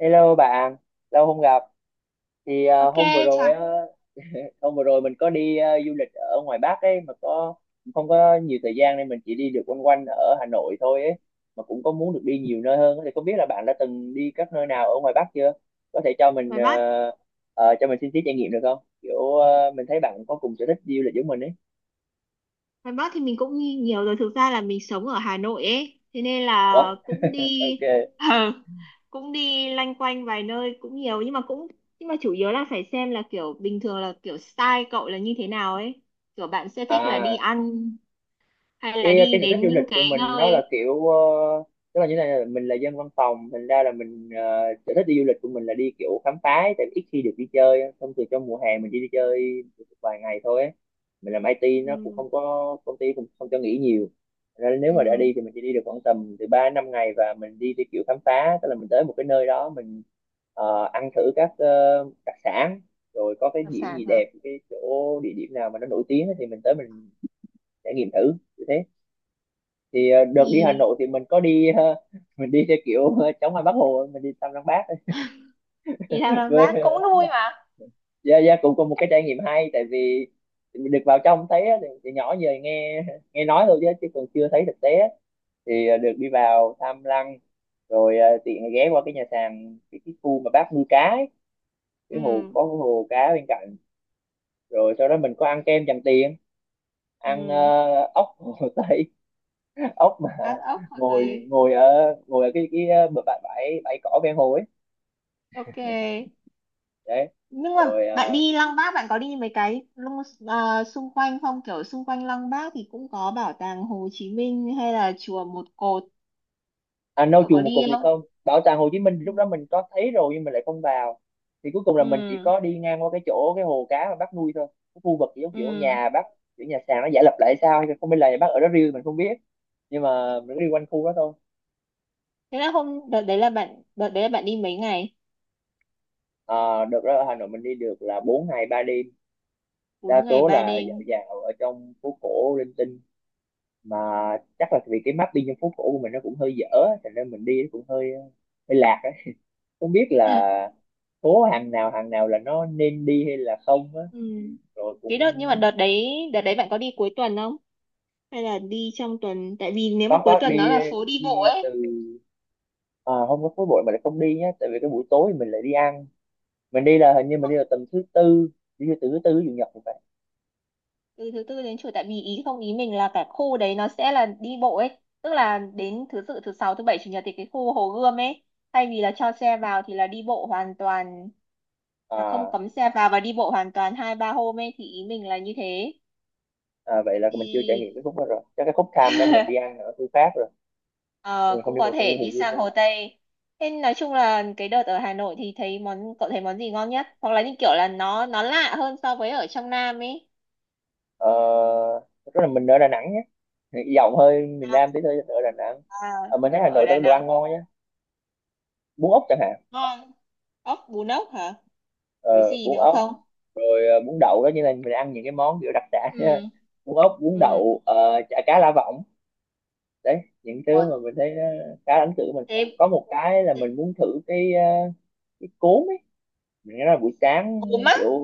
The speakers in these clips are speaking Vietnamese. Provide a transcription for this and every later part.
Hello bạn, lâu không gặp. Thì Ok, hôm vừa rồi chào. á, hôm vừa rồi mình có đi du lịch ở ngoài Bắc ấy mà không có nhiều thời gian nên mình chỉ đi được quanh quanh ở Hà Nội thôi ấy. Mà cũng có muốn được đi nhiều nơi hơn á. Thì không biết là bạn đã từng đi các nơi nào ở ngoài Bắc chưa? Có thể cho mình ngoài Bắc cho mình xin tí trải nghiệm được không? Kiểu mình thấy bạn có cùng sở thích đi du lịch giống mình ấy. ngoài Bắc thì mình cũng đi nhiều rồi, thực ra là mình sống ở Hà Nội ấy, thế nên Ủa? là cũng đi Ok. ờ, cũng đi loanh quanh vài nơi cũng nhiều, nhưng mà cũng nhưng mà chủ yếu là phải xem là kiểu bình thường là kiểu style cậu là như thế nào ấy, kiểu bạn sẽ thích là đi À ăn hay là cái đi cái sở thích đến du lịch những của cái mình nó là nơi. kiểu, tức là như thế này, là mình là dân văn phòng, thành ra là mình, sở thích đi du lịch của mình là đi kiểu khám phá ấy, tại vì ít khi được đi chơi á. Thông thường trong mùa hè mình chỉ đi chơi vài ngày thôi ấy. Mình làm IT nó cũng Ừ, không có, công ty cũng không cho nghỉ nhiều. Thành ra nếu mà đã ừ. đi thì mình chỉ đi được khoảng tầm từ 3 đến 5 ngày, và mình đi theo kiểu khám phá, tức là mình tới một cái nơi đó mình ăn thử các đặc sản, rồi có cái Đặc điểm gì sản hả? đẹp, cái chỗ địa điểm nào mà nó nổi tiếng ấy thì mình tới mình trải nghiệm thử như thế. Thì đợt đi Hà Thì Nội thì mình có đi mình đi theo kiểu chống hoa Bác Hồ, mình đi thăm Lăng Bác ấy. Thằng Nam Với Bác cũng vui mà. dạ dạ, cũng có một cái trải nghiệm hay, tại vì được vào trong thấy á, thì nhỏ giờ nghe nghe nói thôi chứ chứ còn chưa thấy thực tế á. Thì được đi vào thăm lăng, rồi tiện ghé qua cái nhà sàn, cái khu mà bác nuôi cá ấy. Cái hồ, Ừ, có cái hồ cá bên cạnh, rồi sau đó mình có ăn kem Tràng Tiền, ăn ừ. Ốc hồ Tây, ốc mà Ăn ốc hoặc ngồi tây. Ngồi ở cái cái, bãi bãi bãi cỏ ven hồ ấy, Ok. đấy. Nhưng mà Rồi à, bạn đi Lăng Bác, bạn có đi mấy cái à, xung quanh không? Kiểu xung quanh Lăng Bác thì cũng có bảo tàng Hồ Chí Minh hay là chùa Một Cột, à nâu cậu chùa có một đi cục thì không? không, bảo tàng Hồ Chí Minh thì lúc đó mình có thấy rồi nhưng mình lại không vào. Thì cuối cùng là mình chỉ Ừ. có đi ngang qua cái chỗ cái hồ cá mà bác nuôi thôi, cái khu vực kiểu kiểu Ừ. nhà bác, kiểu nhà sàn nó giả lập lại sao hay không biết, là nhà bác ở đó riêng mình không biết, nhưng mà mình cứ đi quanh khu đó thôi. Thế là hôm đợt đấy là bạn đi mấy ngày? À, được đó, ở Hà Nội mình đi được là 4 ngày 3 đêm. bốn Đa ngày số ba là dạo đêm dạo ở trong phố cổ linh tinh mà, chắc là vì cái mapping trong phố cổ của mình nó cũng hơi dở á, thành nên mình đi nó cũng hơi hơi lạc ấy. Không biết là Ố hàng nào là nó nên đi hay là không á, Ừ. rồi Cái đợt, cũng nhưng mà đợt đấy bạn có đi cuối tuần không hay là đi trong tuần? Tại vì nếu mà có cuối có tuần nó đi là phố đi bộ đi từ ấy. à, không có khối bụi mà lại không đi nhá, tại vì cái buổi tối mình lại đi ăn. Mình đi là hình như mình đi Hôm là tầm thứ tư, đi từ thứ tư chủ nhật thì phải. từ thứ tư đến chủ, tại vì ý không, ý mình là cả khu đấy nó sẽ là đi bộ ấy, tức là đến thứ tự thứ sáu, thứ bảy, chủ nhật thì cái khu Hồ Gươm ấy, thay vì là cho xe vào thì là đi bộ hoàn toàn. Là không À, cấm xe vào và đi bộ hoàn toàn hai ba hôm ấy, thì ý mình là như thế. à, vậy là mình chưa trải nghiệm Thì cái khúc đó rồi, chắc cái khúc tham đó mình đi ăn ở khu khác rồi, ờ, mình không cũng đi có vào thể khu Hồ đi Gươm sang đấy. Hồ Tây. Nên nói chung là cái đợt ở Hà Nội thì thấy món, cậu thấy món gì ngon nhất hoặc là như kiểu là nó lạ hơn so với ở trong Nam ấy? Ờ, rất là mình ở Đà Nẵng nhé, giọng hơi miền À, Nam tí thôi, ở Đà Nẵng. à, Ờ, mình thấy Hà ở Nội Đà tao đồ ăn Nẵng. ngon nhá, bún ốc chẳng hạn. Ngon. Ốc, bún ốc hả? Với Ờ, gì Bún nữa ốc, không? rồi bún đậu đó, như là mình ăn những cái món kiểu đặc sản á. Ừ. Bún ốc, bún Ừ. đậu, chả cá lá vọng, đấy những thứ ờ, mà mình thấy nó khá là ấn tượng. Mình Thế, có một cái là thế. mình muốn thử cái cái cốm ấy. Mình nghe nói là buổi sáng, Cốm á? kiểu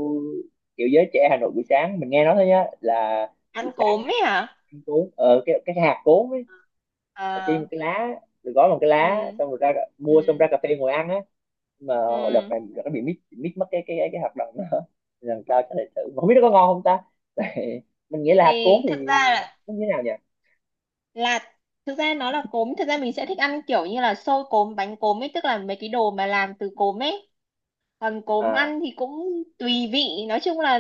kiểu giới trẻ Hà Nội buổi sáng, mình nghe nói thôi nhá, là buổi Ăn sáng cốm ấy hả? ăn cốm, cái hạt cốm ấy là trên một À. cái lá, rồi gói bằng cái lá Ừ. xong rồi ra mua, xong ra Ừ. cà phê ngồi ăn á mà. Đợt Ừ. này đợt nó bị mít mít mất cái hợp đồng đó. Lần sau chắc lại thử mà không biết nó có ngon không ta. Tại mình nghĩ là hạt cuốn thì thì thực ra là, nó như thế nào nhỉ. là Thực ra nó là cốm, thực ra mình sẽ thích ăn kiểu như là xôi cốm, bánh cốm ấy, tức là mấy cái đồ mà làm từ cốm ấy. Còn cốm À, ăn thì cũng tùy vị. Nói chung là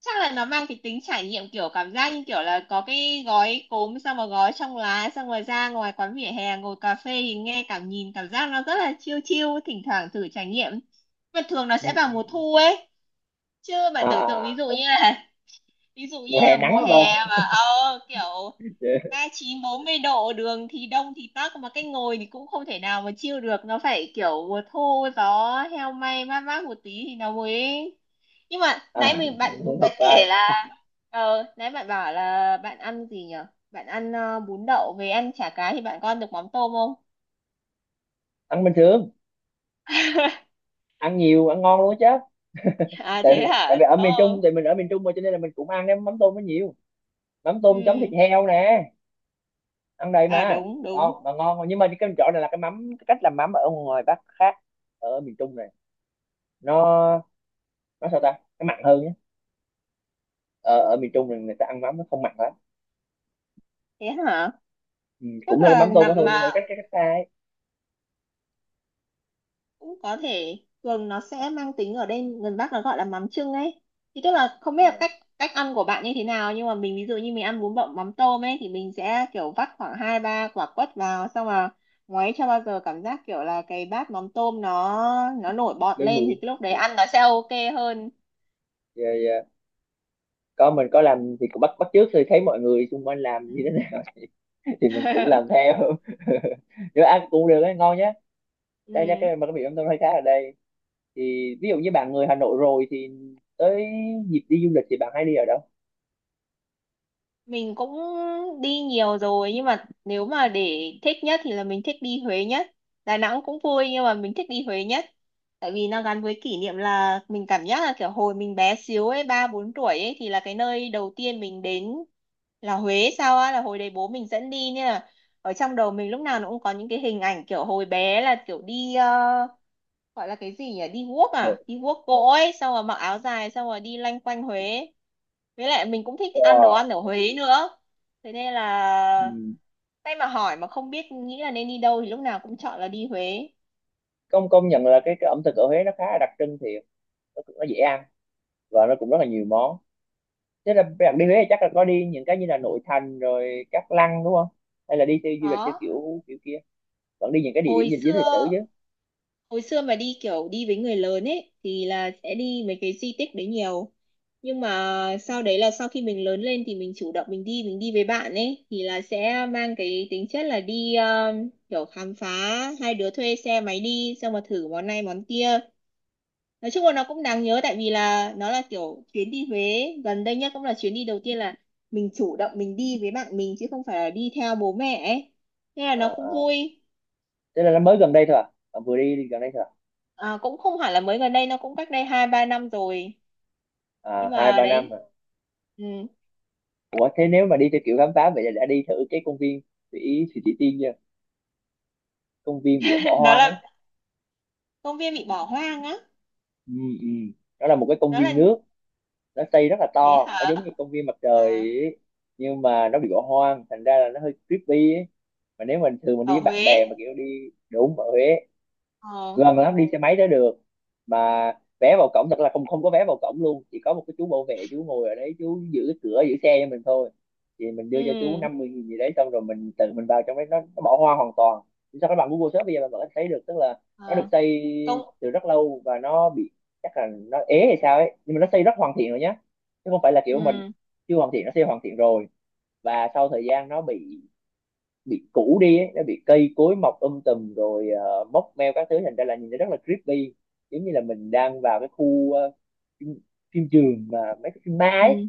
chắc là nó mang cái tính trải nghiệm, kiểu cảm giác như kiểu là có cái gói cốm xong rồi gói trong lá, xong rồi ra ngoài quán vỉa hè ngồi cà phê thì nghe cảm, nhìn cảm giác nó rất là chill chill, thỉnh thoảng thử trải nghiệm. Mà thường nó ừ, sẽ vào ừ, mùa ừ. thu ấy, chứ À, bạn tưởng tượng à, à. Ví dụ Mùa như hè là nắng mùa quá hè cơ. mà kiểu 39 40 độ, đường thì đông thì tắc, mà cái ngồi thì cũng không thể nào mà chill được. Nó phải kiểu mùa thu, gió heo may, mát mát một tí thì nó mới. Nhưng mà nãy À, mình, không bạn bạn hợp kể vai. là nãy bạn bảo là bạn ăn gì nhở, bạn ăn bún đậu, về ăn chả cá thì bạn con được mắm tôm không? Ăn bình thường, ăn nhiều, ăn ngon luôn á. Chứ À tại, thế tại hả? vì Đúng ở miền Trung không? thì mình, ở miền Trung mà cho nên là mình cũng ăn cái mắm tôm nó nhiều. Mắm tôm chấm thịt Ừ. heo nè, ăn đầy À mà, đúng đúng. ngon mà, ngon. Nhưng mà cái chỗ này là cái mắm, cái cách làm mắm ở ngoài Bắc khác, ở miền Trung này, nó nó sao ta, cái mặn hơn nhá. Ở ở miền Trung thì người ta ăn mắm nó không mặn lắm. Thế hả? Ừ, Tức cũng là cái là mắm tôm đó nằm thôi nhưng mà mà, cách, cái cách ta ấy. cũng có thể thường nó sẽ mang tính ở đây gần Bắc, nó gọi là mắm chưng ấy. Thì tức là không biết À, là cách cách ăn của bạn như thế nào, nhưng mà mình ví dụ như mình ăn bún bò mắm tôm ấy thì mình sẽ kiểu vắt khoảng 2 3 quả quất vào, xong là ngoáy cho bao giờ cảm giác kiểu là cái bát mắm tôm nó nổi bọt lên lên mùi thì cái lúc đấy ăn nó sẽ ok hơn. rồi à, có mình có làm thì cũng bắt bắt chước, thì thấy mọi người xung quanh làm như thế Ừ. này thì mình cũng làm theo. Nếu ăn cũng được ấy, ngon nhá. Đây nha, Ừ. cái mà cái miệng mắm tôm hay khá ở đây. Thì ví dụ như bạn người Hà Nội rồi thì tới dịp đi du lịch thì bạn hay đi ở đâu? Mình cũng đi nhiều rồi, nhưng mà nếu mà để thích nhất thì là mình thích đi Huế nhất. Đà Nẵng cũng vui nhưng mà mình thích đi Huế nhất. Tại vì nó gắn với kỷ niệm, là mình cảm giác là kiểu hồi mình bé xíu ấy, 3 4 tuổi ấy, thì là cái nơi đầu tiên mình đến là Huế sao á, là hồi đấy bố mình dẫn đi nên là ở trong đầu mình lúc nào nó cũng có những cái hình ảnh kiểu hồi bé là kiểu đi gọi là cái gì nhỉ, đi guốc Nội, à, đi guốc gỗ ấy, xong rồi mặc áo dài, xong rồi đi lanh quanh Huế. Với lại mình cũng thích ăn đồ wow. ăn ở Huế nữa, thế nên là Ừ. tay mà hỏi mà không biết nghĩ là nên đi đâu thì lúc nào cũng chọn là đi Huế. Công công nhận là cái ẩm thực ở Huế nó khá là đặc trưng thiệt, nó dễ ăn, và nó cũng rất là nhiều món. Thế là bạn đi Huế thì chắc là có đi những cái như là nội thành rồi các lăng đúng không? Hay là đi theo du lịch theo Đó. kiểu kiểu kia? Vẫn đi những cái địa điểm hồi gì dính lịch xưa sử chứ? hồi xưa mà đi kiểu đi với người lớn ấy thì là sẽ đi mấy cái di tích đấy nhiều, nhưng mà sau đấy là sau khi mình lớn lên thì mình chủ động, mình đi với bạn ấy thì là sẽ mang cái tính chất là đi kiểu khám phá, hai đứa thuê xe máy đi, xong mà thử món này món kia. Nói chung là nó cũng đáng nhớ, tại vì là nó là kiểu chuyến đi Huế gần đây nhất cũng là chuyến đi đầu tiên là mình chủ động mình đi với bạn mình, chứ không phải là đi theo bố mẹ ấy, nên là À, nó cũng à. vui. Thế là nó mới gần đây thôi à? Bạn vừa đi, đi gần đây thôi à? À, cũng không hẳn là mới gần đây, nó cũng cách đây 2 3 năm rồi, À, nhưng hai mà ba năm à? đấy. Ừ. Ủa thế nếu mà đi theo kiểu khám phá vậy là đã đi thử cái công viên Thủy Thủy Thị Tiên chưa? Công viên bị bỏ Nó hoang là ấy. công viên bị bỏ hoang á? Ừ, ừ. Nó là một cái công Nó là. viên nước, nó xây rất là Thế to, hả? nó giống như công viên mặt trời À, ấy. Nhưng mà nó bị bỏ hoang, thành ra là nó hơi creepy ấy. Mà nếu mình thường mình đi ở với bạn bè Huế. mà kiểu đi đúng ở Huế, Ờ. gần lắm, đi xe máy tới được mà, vé vào cổng thật là không, không có vé vào cổng luôn, chỉ có một cái chú bảo vệ, chú ngồi ở đấy chú giữ cái cửa, giữ xe cho mình thôi. Thì mình đưa cho chú Ừ. 50 nghìn gì đấy, xong rồi mình tự mình vào trong đấy, nó bỏ hoa hoàn toàn. Thì sao các bạn Google Search bây giờ bạn vẫn thấy được, tức là nó được Ờ. xây Công. từ rất lâu, và nó bị, chắc là nó ế hay sao ấy, nhưng mà nó xây rất hoàn thiện rồi nhá, chứ không phải là kiểu mình Ừ. chưa hoàn thiện, nó xây hoàn thiện rồi, và sau thời gian nó bị cũ đi ấy, nó bị cây cối mọc tùm rồi móc meo các thứ, thành ra là nhìn nó rất là creepy, giống như là mình đang vào cái khu phim, phim trường mà mấy cái phim ma ấy. Ừ.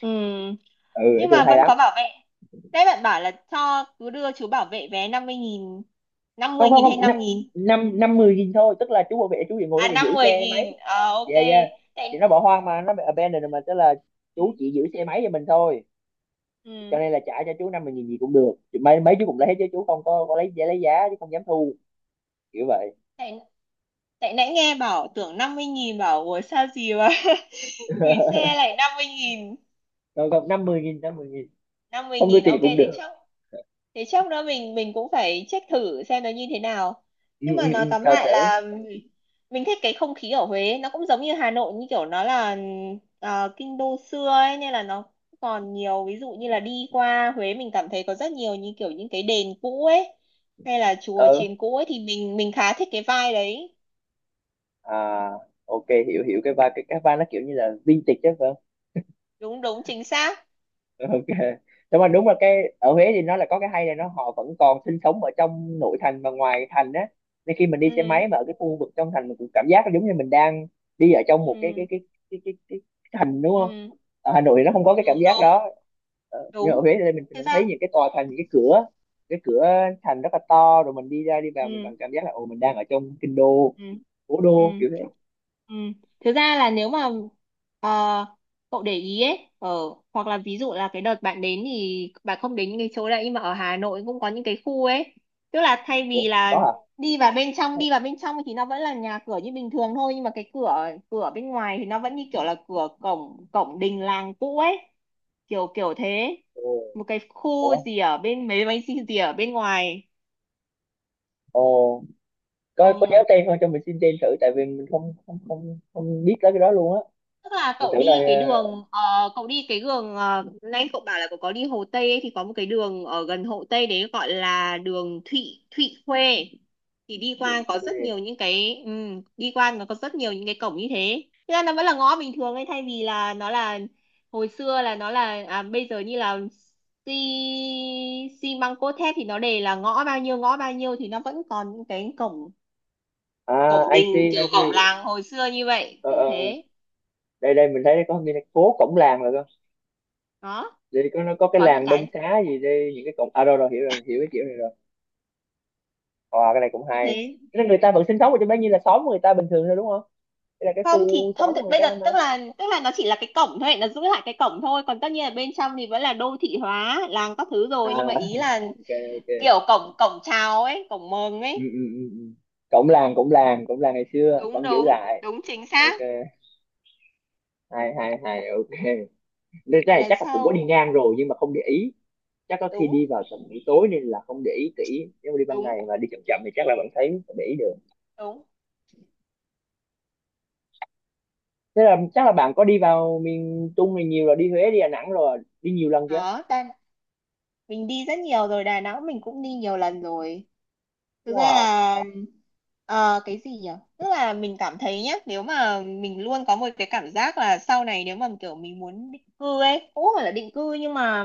Ừ. Ừ, nói Nhưng chung là mà hay vẫn lắm. có bảo vệ đấy, bạn bảo là cho cứ đưa chú bảo vệ vé 50.000. năm không mươi không nghìn hay không năm 5.000? năm năm mười nghìn thôi, tức là chú bảo vệ chú chỉ ngồi À, đó để giữ 50 xe máy. nghìn, ờ ok. Yeah, yeah, tại thì nó bỏ hoang mà, nó bị abandoned rồi mà, tức là chú ừ. chỉ giữ xe máy cho mình thôi, cho Ừ. nên là trả cho chú năm mươi nghìn gì cũng được. Thì mấy mấy chú cũng lấy chứ chú không có, có lấy giá chứ không dám thu kiểu vậy. tại Tại nãy nghe bảo tưởng 50.000 bảo ủa sao gì mà gửi xe lại 50.000, Rồi còn năm mươi nghìn, không đưa tiền ok. cũng Thế được. chốc, thế chốc nữa mình cũng phải check thử xem nó như thế nào. Ừ, Nhưng mà ừ, nói ừ, tóm sao lại chữ. là mình thích cái không khí ở Huế, nó cũng giống như Hà Nội, như kiểu nó là kinh đô xưa ấy nên là nó còn nhiều. Ví dụ như là đi qua Huế mình cảm thấy có rất nhiều như kiểu những cái đền cũ ấy hay là chùa Ừ chiền cũ ấy, thì mình khá thích cái vibe đấy. à, ok, hiểu hiểu cái vai, cái vai nó kiểu như là vintage chứ phải Đúng đúng, chính xác. không? Ok, nhưng mà đúng là cái ở Huế thì nó là có cái hay là nó, họ vẫn còn sinh sống ở trong nội thành và ngoài thành á, nên khi mình đi xe Ừ. máy mà ở cái khu vực trong thành, mình cũng cảm giác giống như mình đang đi ở trong một cái cái Ừ. cái cái cái, cái, cái thành đúng không. Ừ. Ở Hà Nội thì nó không có cái cảm Đúng giác đúng đó. Ờ, nhưng đúng. ở Huế thì mình Thực vẫn ra. thấy những cái tòa thành, những cái cửa thành rất là to, rồi mình đi ra đi vào mình Ừ. còn cảm giác là ồ mình đang ở trong kinh đô, Ừ. cố Ừ. đô kiểu thế. Ừ. Thực ra là nếu mà ờ, cậu để ý ấy, ở hoặc là ví dụ là cái đợt bạn đến thì bạn không đến những cái chỗ đấy, nhưng mà ở Hà Nội cũng có những cái khu ấy. Tức là thay Ủa, vì là có à? Đi vào bên trong thì nó vẫn là nhà cửa như bình thường thôi, nhưng mà cái cửa cửa bên ngoài thì nó vẫn như kiểu là cửa cổng, cổng đình làng cũ ấy, kiểu kiểu thế. Ồ, Một cái khu ủa, gì ở bên mấy mấy gì gì ở bên ngoài. ồ, có nhớ Ừ. tên không cho mình xin tên thử, tại vì mình không không không không biết tới cái đó luôn á. Tức là Mình cậu thử là đi cái đường nãy cậu bảo là cậu có đi Hồ Tây ấy, thì có một cái đường ở gần Hồ Tây đấy gọi là đường Thụy Thụy Khuê, thì đi bị qua có rất quên. nhiều những cái đi qua nó có rất nhiều những cái cổng như thế. Thế ra nó vẫn là ngõ bình thường ấy, thay vì là nó là hồi xưa là nó là à, bây giờ như là xi xi măng cốt thép thì nó để là ngõ bao nhiêu, ngõ bao nhiêu, thì nó vẫn còn những cái cổng, à cổng I see, đình I kiểu cổng see. làng hồi xưa như vậy, Ờ, kiểu ờ, thế. đây đây mình thấy có cái phố cổng làng rồi cơ. Đó, Đây có nó có cái có những làng Đông cái Xá gì đây, những cái cổng, à rồi rồi, hiểu cái kiểu này rồi. Ờ, cái này cũng như hay. thế. Thế là người ta vẫn sinh sống ở trong đó như là xóm người ta bình thường thôi đúng không? Đây là cái Không thì khu xóm không của người bây ta giờ mà. Tức là nó chỉ là cái cổng thôi, nó giữ lại cái cổng thôi, còn tất nhiên là bên trong thì vẫn là đô thị hóa làng các thứ À, rồi, nhưng mà ý là ok, ok. kiểu cổng cổng chào ấy, cổng mừng Ừ, ấy. ừ, ừ, ừ. Cổng làng, cổng làng, cổng làng ngày xưa đúng vẫn giữ đúng lại. đúng chính xác. Ok. Hay hay hay, ok. Nên cái Thì này là chắc là cũng có sau. đi ngang rồi nhưng mà không để ý. Chắc có khi đúng đi vào tầm buổi tối nên là không để ý kỹ, nếu mà đi ban đúng ngày mà đi chậm chậm thì chắc là bạn thấy vẫn để ý được. đúng Thế là chắc là bạn có đi vào miền Trung này nhiều rồi, đi Huế đi Đà Nẵng rồi, đi nhiều lần chưa? Đó ta, mình đi rất nhiều rồi, Đà Nẵng mình cũng đi nhiều lần rồi. Thực ra Wow. là cái gì nhỉ, tức là mình cảm thấy nhá, nếu mà mình luôn có một cái cảm giác là sau này nếu mà kiểu mình muốn định cư ấy, cũng không phải là định cư nhưng mà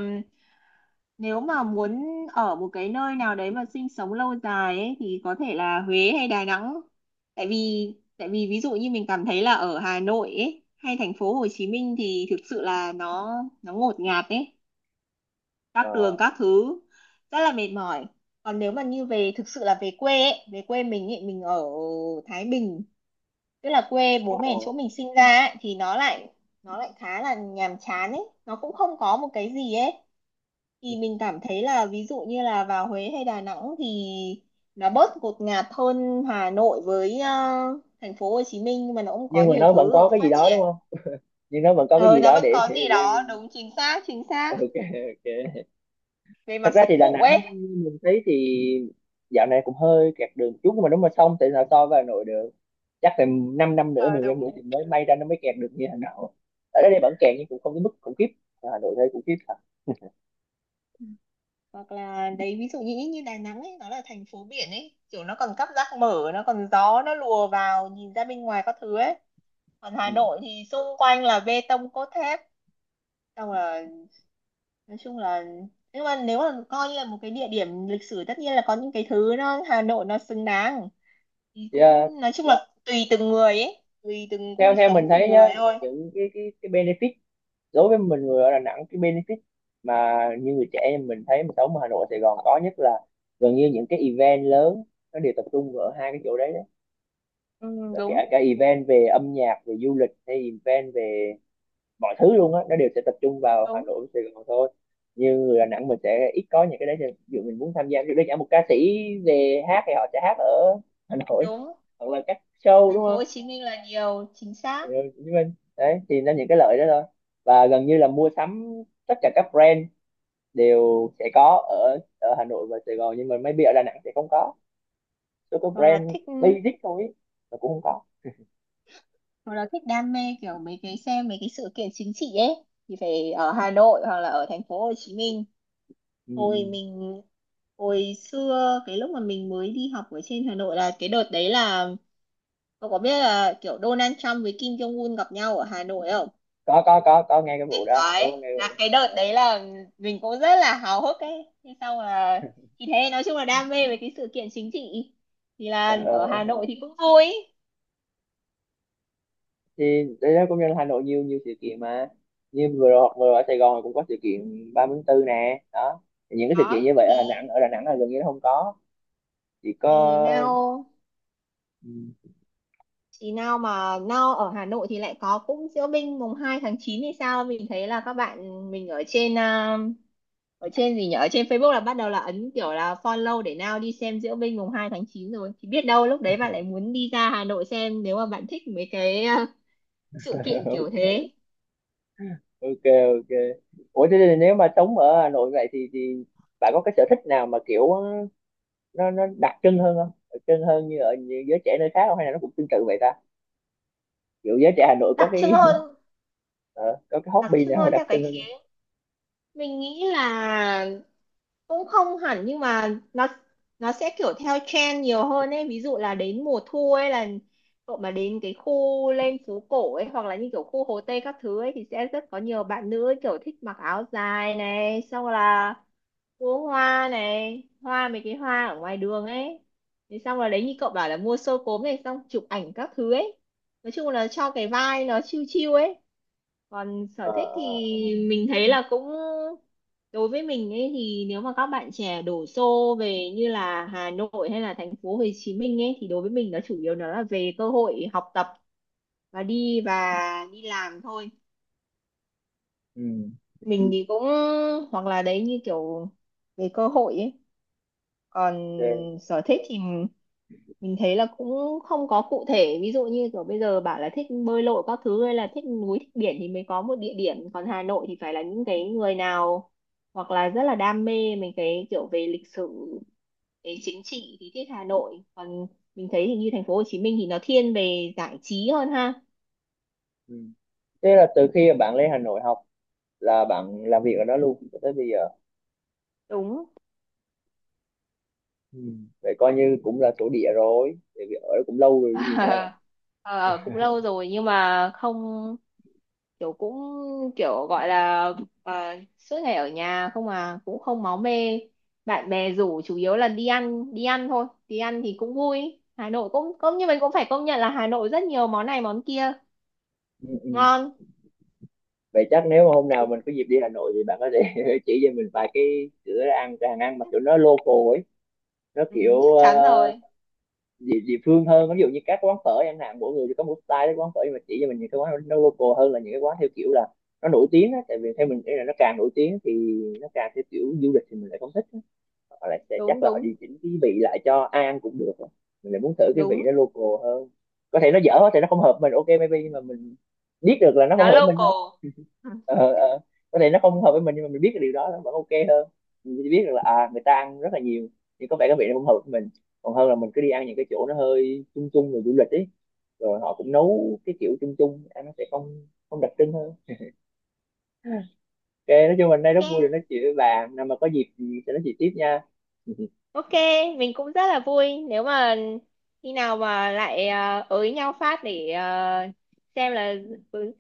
nếu mà muốn ở một cái nơi nào đấy mà sinh sống lâu dài ấy, thì có thể là Huế hay Đà Nẵng. tại vì Tại vì ví dụ như mình cảm thấy là ở Hà Nội ấy hay thành phố Hồ Chí Minh thì thực sự là nó ngột ngạt ấy, Ờ, các đường các thứ rất là mệt mỏi. Còn nếu mà như về, thực sự là về quê ấy, về quê mình ấy, mình ở Thái Bình, tức là quê ờ. bố mẹ chỗ mình sinh ra ấy, thì nó lại khá là nhàm chán ấy, nó cũng không có một cái gì ấy. Thì mình cảm thấy là ví dụ như là vào Huế hay Đà Nẵng thì nó bớt ngột ngạt hơn Hà Nội với, thành phố Hồ Chí Minh, nhưng mà nó cũng có Nhưng mà nhiều nó vẫn thứ có ở cái gì phát đó đúng triển. không, nhưng nó vẫn có cái Ờ gì nó đó vẫn có gì để... đó, đúng, chính xác chính xác, Ok, ok. về Thật mặt ra dịch thì Đà vụ Nẵng ấy. mình thấy thì dạo này cũng hơi kẹt đường một chút, nhưng mà nếu mà xong thì sao so với Hà Nội được. Chắc phải 5 năm năm nữa, Ờ 10 năm Đúng, nữa thì mới may ra nó mới kẹt được như Hà Nội. Ở đây đúng. vẫn kẹt nhưng cũng không đến mức khủng khiếp. Ở Hà Nội thấy khủng khiếp thật. Hoặc là đấy, ví dụ như như Đà Nẵng ấy, nó là thành phố biển ấy, kiểu nó còn cắp rác mở, nó còn gió, nó lùa vào, nhìn ra bên ngoài các thứ ấy. Còn Hà Ừ. Nội thì xung quanh là bê tông cốt thép. Xong là, nói chung là, nhưng mà nếu mà coi như là một cái địa điểm lịch sử, tất nhiên là có những cái thứ nó Hà Nội nó xứng đáng. Thì Thì, à, cũng nói chung là tùy từng người ấy, tùy từng theo gu theo sống mình từng thấy nhá, người thôi. những cái benefit đối với mình người ở Đà Nẵng, cái benefit mà như người trẻ em mình thấy mình sống ở Hà Nội Sài Gòn có, nhất là gần như những cái event lớn nó đều tập trung ở hai cái chỗ đấy Ừ, đúng đấy, kể đúng cả event về âm nhạc, về du lịch hay event về mọi thứ luôn á, nó đều sẽ tập trung vào Hà đúng. Nội Sài Gòn thôi. Như người Đà Nẵng mình sẽ ít có những cái đấy, ví dụ mình muốn tham gia, ví dụ đơn giản một ca sĩ về hát thì họ sẽ hát ở Hà Nội hoặc là các show đúng Thành phố Hồ không. Chí Minh là nhiều, chính Ừ, xác. Hồ Chí Minh, đấy thì nó những cái lợi đó thôi. Và gần như là mua sắm, tất cả các brand đều sẽ có ở ở Hà Nội và Sài Gòn, nhưng mà maybe ở Đà Nẵng sẽ không có, số có Hoặc là brand thích. basic thôi ý, mà cũng không có. Hồi đó thích đam mê kiểu mấy cái xem mấy cái sự kiện chính trị ấy thì phải ở Hà Nội hoặc là ở thành phố Hồ Chí Minh. Ừ, Hồi ừ. mình Hồi xưa cái lúc mà mình mới đi học ở trên Hà Nội, là cái đợt đấy là, cậu có biết là kiểu Donald Trump với Kim Jong Un gặp nhau ở Hà Nội không? Có nghe cái vụ Biết đó, có đấy, nghe cái vụ là đó. cái đợt đấy Dạ. là mình cũng rất là háo hức ấy. Thế xong là, thì thế nói chung là đam mê về cái sự kiện chính trị thì Ờ, là ờ, ở Hà ờ. Nội thì cũng vui. Thì đấy đó, công nhân Hà Nội nhiều, nhiều sự kiện mà. Như vừa rồi ở Sài Gòn cũng có sự kiện 3 tháng 4 nè đó, thì những cái sự kiện như Đó vậy ở Đà thì Nẵng, ở Đà Nẵng là gần như nó không có, chỉ có. thì now. Ừ, Thì nào ở Hà Nội thì lại có cũng diễu binh 2/9 thì sao? Mình thấy là các bạn mình ở trên, ở trên gì nhỉ? Ở trên Facebook là bắt đầu là ấn kiểu là follow để nào đi xem diễu binh 2/9 rồi. Thì biết đâu lúc đấy bạn lại muốn đi ra Hà Nội xem nếu mà bạn thích mấy cái, sự kiện kiểu ok, thế. ok, ok. Ủa thế thì nếu mà sống ở Hà Nội vậy thì bạn có cái sở thích nào mà kiểu nó đặc trưng hơn không, đặc trưng hơn như ở như giới trẻ nơi khác không, hay là nó cũng tương tự vậy ta, kiểu giới trẻ Hà Nội có Đặc trưng cái hơn, ờ, có cái đặc hobby trưng nào hơn đặc theo cái trưng hơn khía. không? Mình nghĩ là cũng không hẳn, nhưng mà nó sẽ kiểu theo trend nhiều hơn ấy. Ví dụ là đến mùa thu ấy là cậu mà đến cái khu lên phố cổ ấy, hoặc là như kiểu khu Hồ Tây các thứ ấy, thì sẽ rất có nhiều bạn nữ ấy kiểu thích mặc áo dài này, xong là mua hoa này, hoa mấy cái hoa ở ngoài đường ấy. Thì xong là đấy, như cậu bảo là mua xôi cốm này, xong chụp ảnh các thứ ấy, nói chung là cho cái vai nó chill chill ấy. Còn sở Ờ, thích thì ờ, ờ. mình thấy là cũng, đối với mình ấy thì nếu mà các bạn trẻ đổ xô về như là Hà Nội hay là thành phố Hồ Chí Minh ấy, thì đối với mình nó chủ yếu nó là về cơ hội học tập và đi làm thôi. Ừ, Mình thì cũng, hoặc là đấy như kiểu, về cơ hội ấy. Còn ok, sở thích thì mình thấy là cũng không có cụ thể, ví dụ như kiểu bây giờ bảo là thích bơi lội các thứ hay là thích núi thích biển thì mới có một địa điểm. Còn Hà Nội thì phải là những cái người nào, hoặc là rất là đam mê mình cái kiểu về lịch sử, về chính trị thì thích Hà Nội. Còn mình thấy thì như thành phố Hồ Chí Minh thì nó thiên về giải trí hơn ha. ừ. Thế là từ khi mà bạn lên Hà Nội học là bạn làm việc ở đó luôn cho tới bây giờ. Đúng. Ừ. Vậy coi như cũng là thổ địa rồi, tại vì ở đó cũng lâu rồi chứ gì nữa. Ờ, cũng lâu rồi nhưng mà không, kiểu cũng, kiểu gọi là, à, suốt ngày ở nhà không à, cũng không máu mê, bạn bè rủ chủ yếu là đi ăn. Đi ăn thôi, đi ăn thì cũng vui. Hà Nội cũng cũng như mình cũng phải công nhận là Hà Nội rất nhiều món này món kia Ừ, ừ. ngon. Vậy chắc nếu mà hôm nào mình có dịp đi Hà Nội thì bạn có thể chỉ cho mình vài cái cửa ăn, cái hàng ăn mà kiểu nó local ấy, nó Ừ, kiểu chắc ờ, chắn rồi. địa, địa phương hơn, ví dụ như các quán phở chẳng hạn, mỗi người thì có một style các quán phở, nhưng mà chỉ cho mình những cái quán nó local hơn, là những cái quán theo kiểu là nó nổi tiếng á, tại vì theo mình nghĩ là nó càng nổi tiếng thì nó càng theo kiểu du lịch thì mình lại không thích. Họ lại sẽ chắc Đúng là họ đúng điều chỉnh cái vị lại cho ai ăn cũng được, mình lại muốn thử cái vị đúng. nó local hơn. Có thể nó dở thì nó không hợp mình, ok maybe, nhưng mà mình biết được là nó không Nó hợp với mình thôi. local. Ừ. Ờ, ờ. Có thể nó không hợp với mình nhưng mà mình biết cái điều đó nó vẫn ok hơn. Mình biết được là à người ta ăn rất là nhiều nhưng có vẻ cái vị nó không hợp với mình, còn hơn là mình cứ đi ăn những cái chỗ nó hơi chung chung rồi du lịch ấy, rồi họ cũng nấu cái kiểu chung chung, ăn nó sẽ không không đặc trưng hơn. Ok, nói chung mình đây rất Ok. vui được nói chuyện với bạn, nào mà có dịp thì sẽ nói chuyện tiếp nha. Ok, mình cũng rất là vui nếu mà khi nào mà lại, ới nhau phát để, xem là, ừ,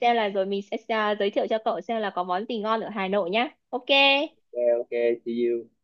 xem là rồi mình sẽ, giới thiệu cho cậu xem là có món gì ngon ở Hà Nội nhá. Ok, Ok, ok, see you.